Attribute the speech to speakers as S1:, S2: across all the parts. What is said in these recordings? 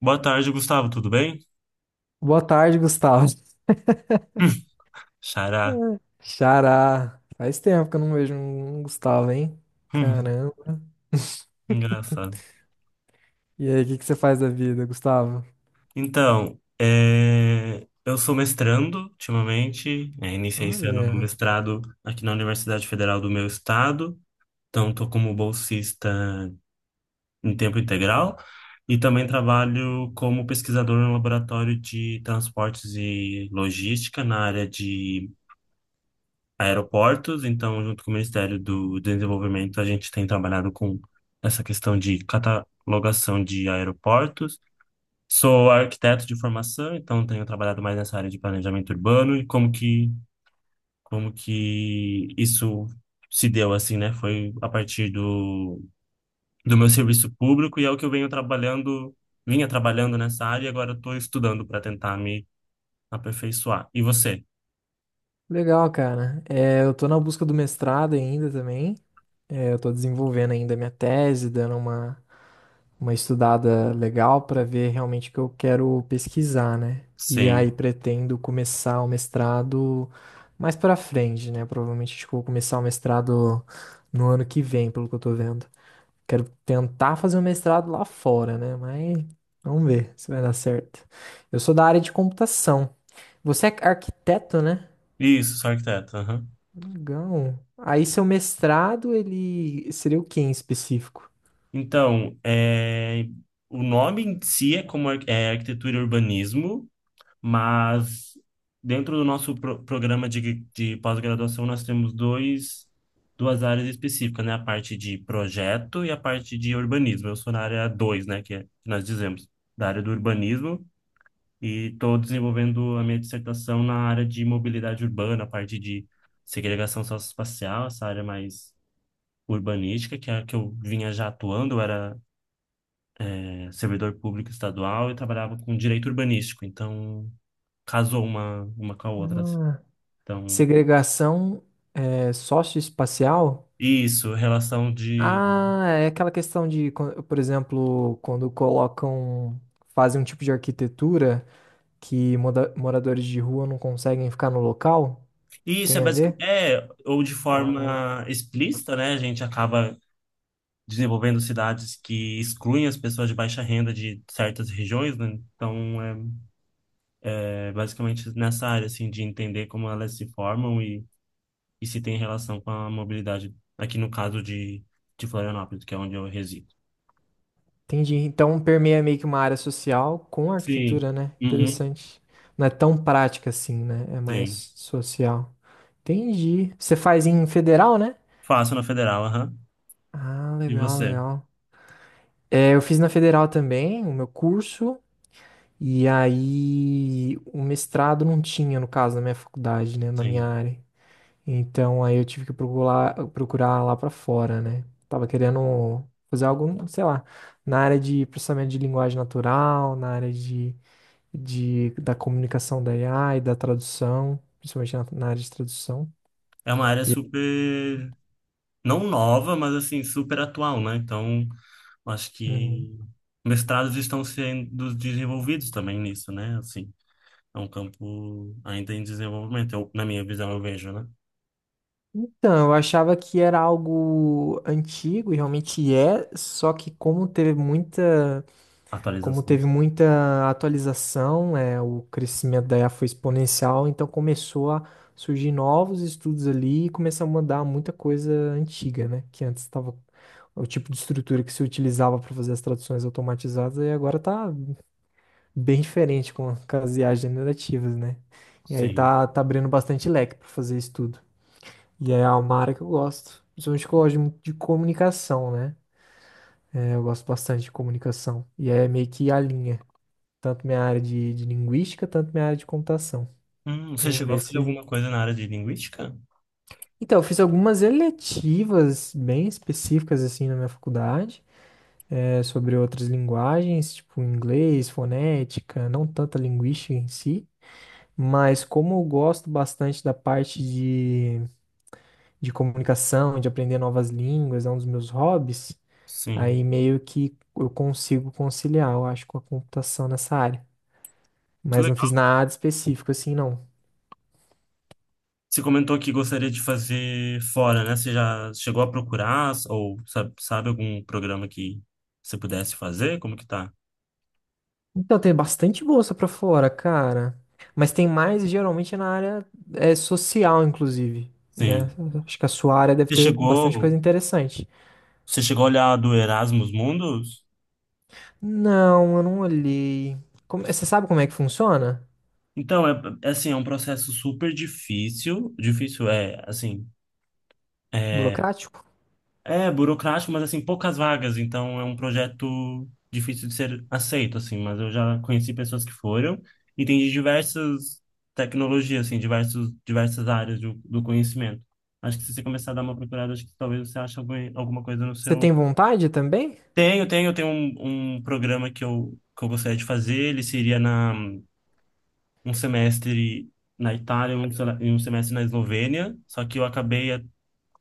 S1: Boa tarde, Gustavo, tudo bem?
S2: Boa tarde, Gustavo.
S1: Hum, Xará.
S2: Hum. Xará. Faz tempo que eu não vejo um Gustavo, hein?
S1: Hum,
S2: Caramba.
S1: Engraçado.
S2: E aí, o que que você faz da vida, Gustavo?
S1: Então, eu sou mestrando ultimamente, iniciei esse ano no
S2: Olha,
S1: mestrado aqui na Universidade Federal do meu estado, então estou como bolsista em tempo integral e também trabalho como pesquisador no laboratório de transportes e logística na área de aeroportos, então, junto com o Ministério do Desenvolvimento, a gente tem trabalhado com essa questão de catalogação de aeroportos. Sou arquiteto de formação, então tenho trabalhado mais nessa área de planejamento urbano e como que isso se deu assim, né? Foi a partir do meu serviço público e é o que eu venho trabalhando, vinha trabalhando nessa área e agora estou estudando para tentar me aperfeiçoar. E você?
S2: legal, cara. É, eu tô na busca do mestrado ainda também. É, eu tô desenvolvendo ainda a minha tese. Uma estudada legal pra ver realmente o que eu quero pesquisar, né? E aí
S1: Sim.
S2: pretendo começar o mestrado mais pra frente, né? Provavelmente acho que eu vou começar o mestrado no ano que vem, pelo que eu tô vendo. Quero tentar fazer um mestrado lá fora, né? Mas vamos ver se vai dar certo. Eu sou da área de computação. Você é arquiteto, né?
S1: Isso, sou arquiteto.
S2: Legal. Aí seu mestrado, ele seria o que em específico?
S1: Então, o nome em si é é arquitetura e urbanismo, mas dentro do nosso programa de pós-graduação nós temos dois, duas áreas específicas, né? A parte de projeto e a parte de urbanismo. Eu sou na área dois, né? Que nós dizemos, da área do urbanismo, e estou desenvolvendo a minha dissertação na área de mobilidade urbana, a parte de segregação socioespacial, essa área mais urbanística, que é a que eu vinha já atuando. Eu era servidor público estadual e trabalhava com direito urbanístico, então casou uma com a outra, assim.
S2: Ah,
S1: Então,
S2: segregação é, socioespacial?
S1: isso, relação de.
S2: Ah, é aquela questão de, quan- por exemplo, quando colocam, fazem um tipo de arquitetura que moradores de rua não conseguem ficar no local?
S1: Isso é
S2: Tem a ver?
S1: basicamente. É, ou de
S2: Ah.
S1: forma explícita, né? A gente acaba desenvolvendo cidades que excluem as pessoas de baixa renda de certas regiões, né? Então, é basicamente nessa área, assim, de entender como elas se formam e se tem relação com a mobilidade, aqui no caso de Florianópolis, que é onde eu resido.
S2: Entendi. Então permeia meio que uma área social com
S1: Sim.
S2: arquitetura, né?
S1: Uhum.
S2: Interessante. Não é tão prática assim, né? É
S1: Sim.
S2: mais social. Entendi. Você faz em federal, né?
S1: Faço na federal, aham.
S2: Ah,
S1: E
S2: legal,
S1: você?
S2: legal. É, eu fiz na federal também o meu curso, e aí o mestrado não tinha, no caso, na minha faculdade, né? Na minha
S1: Sim.
S2: área. Então aí eu tive que procurar lá pra fora, né? Tava querendo fazer algo, sei lá, na área de processamento de linguagem natural, na área da comunicação da IA e da tradução, principalmente na área de tradução.
S1: É uma área
S2: E-
S1: super, não nova, mas assim, super atual, né? Então, acho
S2: Uhum.
S1: que mestrados estão sendo desenvolvidos também nisso, né? Assim, é um campo ainda em desenvolvimento, eu, na minha visão, eu vejo, né?
S2: Então, eu achava que era algo antigo, e realmente é, só que como teve
S1: Atualizações.
S2: muita atualização, é, o crescimento da IA foi exponencial, então começou a surgir novos estudos ali e começou a mudar muita coisa antiga, né? Que antes estava o tipo de estrutura que se utilizava para fazer as traduções automatizadas, e agora tá bem diferente com as IAs generativas, né? E aí
S1: Sim.
S2: tá abrindo bastante leque para fazer isso tudo. E aí é uma área que eu gosto. Principalmente que eu gosto muito de comunicação, né? É, eu gosto bastante de comunicação. E aí é meio que a linha. Tanto minha área de linguística, tanto minha área de computação.
S1: Você
S2: Vou
S1: chegou a
S2: ver
S1: fazer
S2: se.
S1: alguma coisa na área de linguística?
S2: Então, eu fiz algumas eletivas bem específicas, assim, na minha faculdade. É, sobre outras linguagens, tipo inglês, fonética, não tanta linguística em si. Mas como eu gosto bastante da parte de comunicação, de aprender novas línguas, é um dos meus hobbies,
S1: Sim.
S2: aí meio que eu consigo conciliar, eu acho, com a computação nessa área. Mas não fiz nada específico assim, não.
S1: Você comentou que gostaria de fazer fora, né? Você já chegou a procurar ou sabe, sabe algum programa que você pudesse fazer? Como que tá?
S2: Então, tem bastante bolsa pra fora, cara. Mas tem mais geralmente na área é, social, inclusive, né?
S1: Sim.
S2: Acho que a sua área deve
S1: Você
S2: ter bastante
S1: chegou,
S2: coisa interessante.
S1: você chegou a olhar do Erasmus Mundus?
S2: Não, eu não olhei. Como- Você sabe como é que funciona?
S1: Então, é assim, é um processo super difícil. Difícil é, assim, é
S2: Burocrático?
S1: É burocrático, mas assim, poucas vagas, então é um projeto difícil de ser aceito, assim, mas eu já conheci pessoas que foram e tem de diversas tecnologias, assim, diversos, diversas áreas do conhecimento. Acho que se você começar a dar uma procurada, acho que talvez você ache algum, alguma coisa no
S2: Você
S1: seu.
S2: tem vontade também?
S1: Tenho, tenho, tenho um programa que eu gostaria de fazer, ele seria um semestre na Itália e um semestre na Eslovênia, só que eu acabei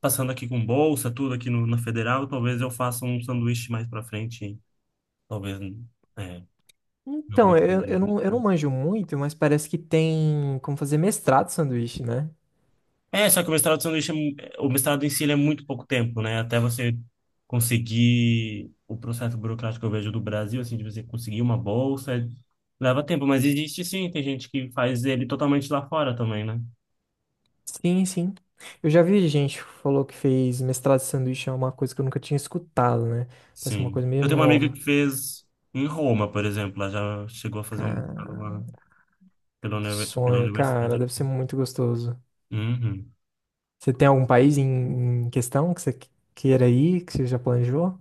S1: passando aqui com bolsa, tudo aqui no, na Federal, talvez eu faça um sanduíche mais pra frente, talvez, é, alguma
S2: Então,
S1: coisa.
S2: eu não manjo muito, mas parece que tem como fazer mestrado de sanduíche, né?
S1: É, só que o mestrado de sanduíche, o mestrado em si, ele é muito pouco tempo, né? Até você conseguir o processo burocrático que eu vejo do Brasil, assim, de você conseguir uma bolsa, leva tempo, mas existe sim, tem gente que faz ele totalmente lá fora também, né?
S2: Sim, sim. Eu já vi gente que falou que fez mestrado de sanduíche, é uma coisa que eu nunca tinha escutado, né? Parece uma
S1: Sim.
S2: coisa meio
S1: Eu tenho uma amiga
S2: nova.
S1: que fez em Roma, por exemplo, ela já chegou a fazer um mestrado
S2: Cara,
S1: lá
S2: que
S1: pela
S2: sonho,
S1: universidade
S2: cara, deve ser
S1: aqui.
S2: muito gostoso.
S1: Uhum.
S2: Você tem algum país em questão que queira ir, que você já planejou?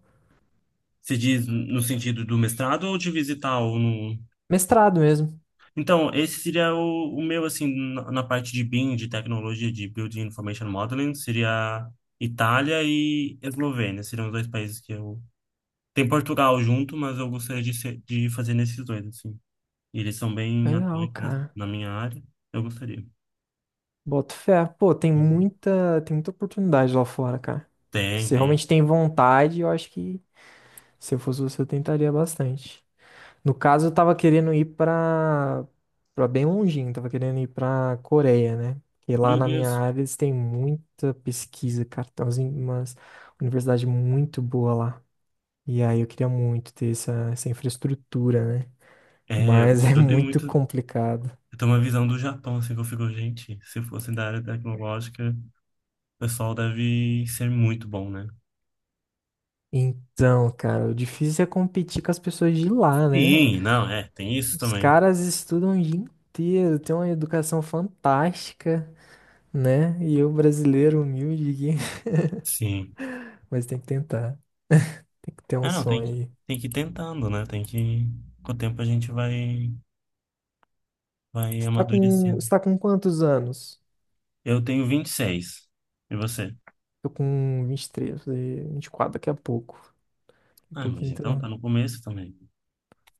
S1: Se diz no sentido do mestrado ou de visitar ou no.
S2: Mestrado mesmo.
S1: Então, esse seria o meu, assim, na parte de BIM, de tecnologia de Building Information Modeling, seria Itália e Eslovênia, seriam os dois países que eu. Tem Portugal junto, mas eu gostaria de fazer nesses dois, assim. E eles são bem
S2: Legal,
S1: atuantes
S2: cara.
S1: na minha área, eu gostaria.
S2: Boto fé. Pô,
S1: Uhum.
S2: tem muita oportunidade lá fora, cara.
S1: Tem,
S2: Se
S1: tem.
S2: realmente tem vontade, eu acho que se eu fosse você, eu tentaria bastante. No caso, eu tava querendo ir pra bem longinho, tava querendo ir pra Coreia, né? E lá
S1: Meu
S2: na minha
S1: Deus.
S2: área eles têm muita pesquisa, cara. Tem umas universidades muito boa lá. E aí eu queria muito ter essa infraestrutura, né?
S1: É,
S2: Mas é
S1: eu tenho
S2: muito
S1: muito.
S2: complicado.
S1: Eu tenho uma visão do Japão, assim, que eu fico, gente, se fosse da área tecnológica. O pessoal deve ser muito bom, né?
S2: Então, cara, o difícil é competir com as pessoas de lá, né?
S1: Sim, não, é, tem isso
S2: Os
S1: também.
S2: caras estudam o dia inteiro, têm uma educação fantástica, né? E eu, brasileiro humilde, aqui,
S1: Sim.
S2: mas tem que tentar, tem que ter um
S1: Ah, não,
S2: sonho aí.
S1: tem que ir tentando, né? Tem que. Com o tempo a gente vai amadurecendo.
S2: Você tá com quantos anos?
S1: Eu tenho 26. E você?
S2: Tô com 23 vou fazer 24 daqui a pouco. Daqui a
S1: Ah, mas
S2: pouquinho tô...
S1: então tá no começo também.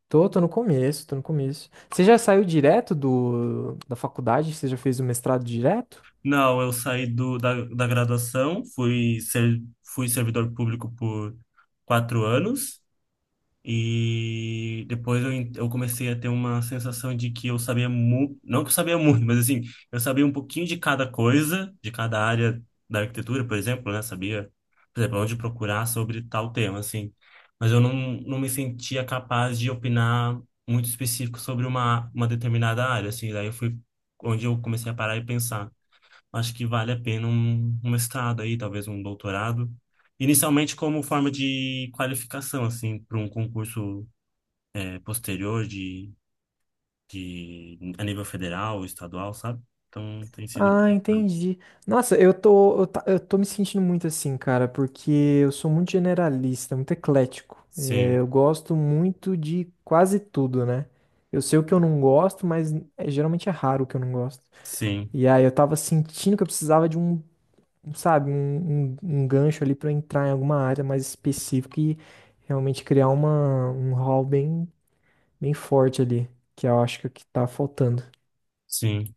S2: Tô no começo, tô no começo. Você já saiu direto da faculdade? Você já fez o mestrado direto?
S1: Não, eu saí da graduação, fui servidor público por 4 anos. E depois eu comecei a ter uma sensação de que eu sabia muito, não que eu sabia muito, mas assim, eu sabia um pouquinho de cada coisa, de cada área da arquitetura, por exemplo, né? Sabia, por exemplo, onde procurar sobre tal tema, assim. Mas eu não, não me sentia capaz de opinar muito específico sobre uma determinada área, assim. Daí eu fui onde eu comecei a parar e pensar, acho que vale a pena um mestrado aí, talvez um doutorado. Inicialmente como forma de qualificação, assim, para um concurso posterior de a nível federal, estadual, sabe? Então tem sido.
S2: Ah, entendi. Nossa, eu tô me sentindo muito assim, cara, porque eu sou muito generalista, muito eclético. É,
S1: Sim,
S2: eu gosto muito de quase tudo, né? Eu sei o que eu não gosto, mas é, geralmente é raro o que eu não gosto.
S1: sim,
S2: E aí eu tava sentindo que eu precisava de um, sabe, um gancho ali pra entrar em alguma área mais específica e realmente criar um hall bem forte ali, que eu acho que é o que tá faltando.
S1: sim.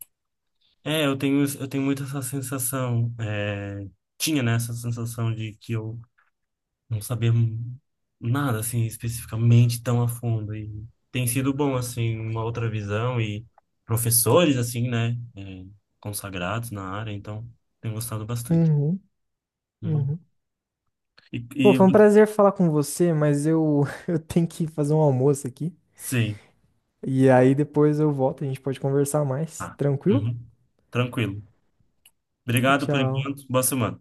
S1: É, eu tenho muito essa sensação. Tinha, né, essa sensação de que eu não saber nada assim especificamente tão a fundo e tem sido bom assim uma outra visão e professores assim, né, consagrados na área, então tenho gostado bastante.
S2: Uhum,
S1: Hum.
S2: uhum.
S1: E,
S2: Pô,
S1: e
S2: foi um prazer falar com você, mas eu, eu tenho que fazer um almoço aqui.
S1: sim,
S2: E aí depois eu volto, a gente pode conversar mais.
S1: ah,
S2: Tranquilo?
S1: uhum. Tranquilo,
S2: Tchau,
S1: obrigado por
S2: tchau.
S1: enquanto. Boa semana.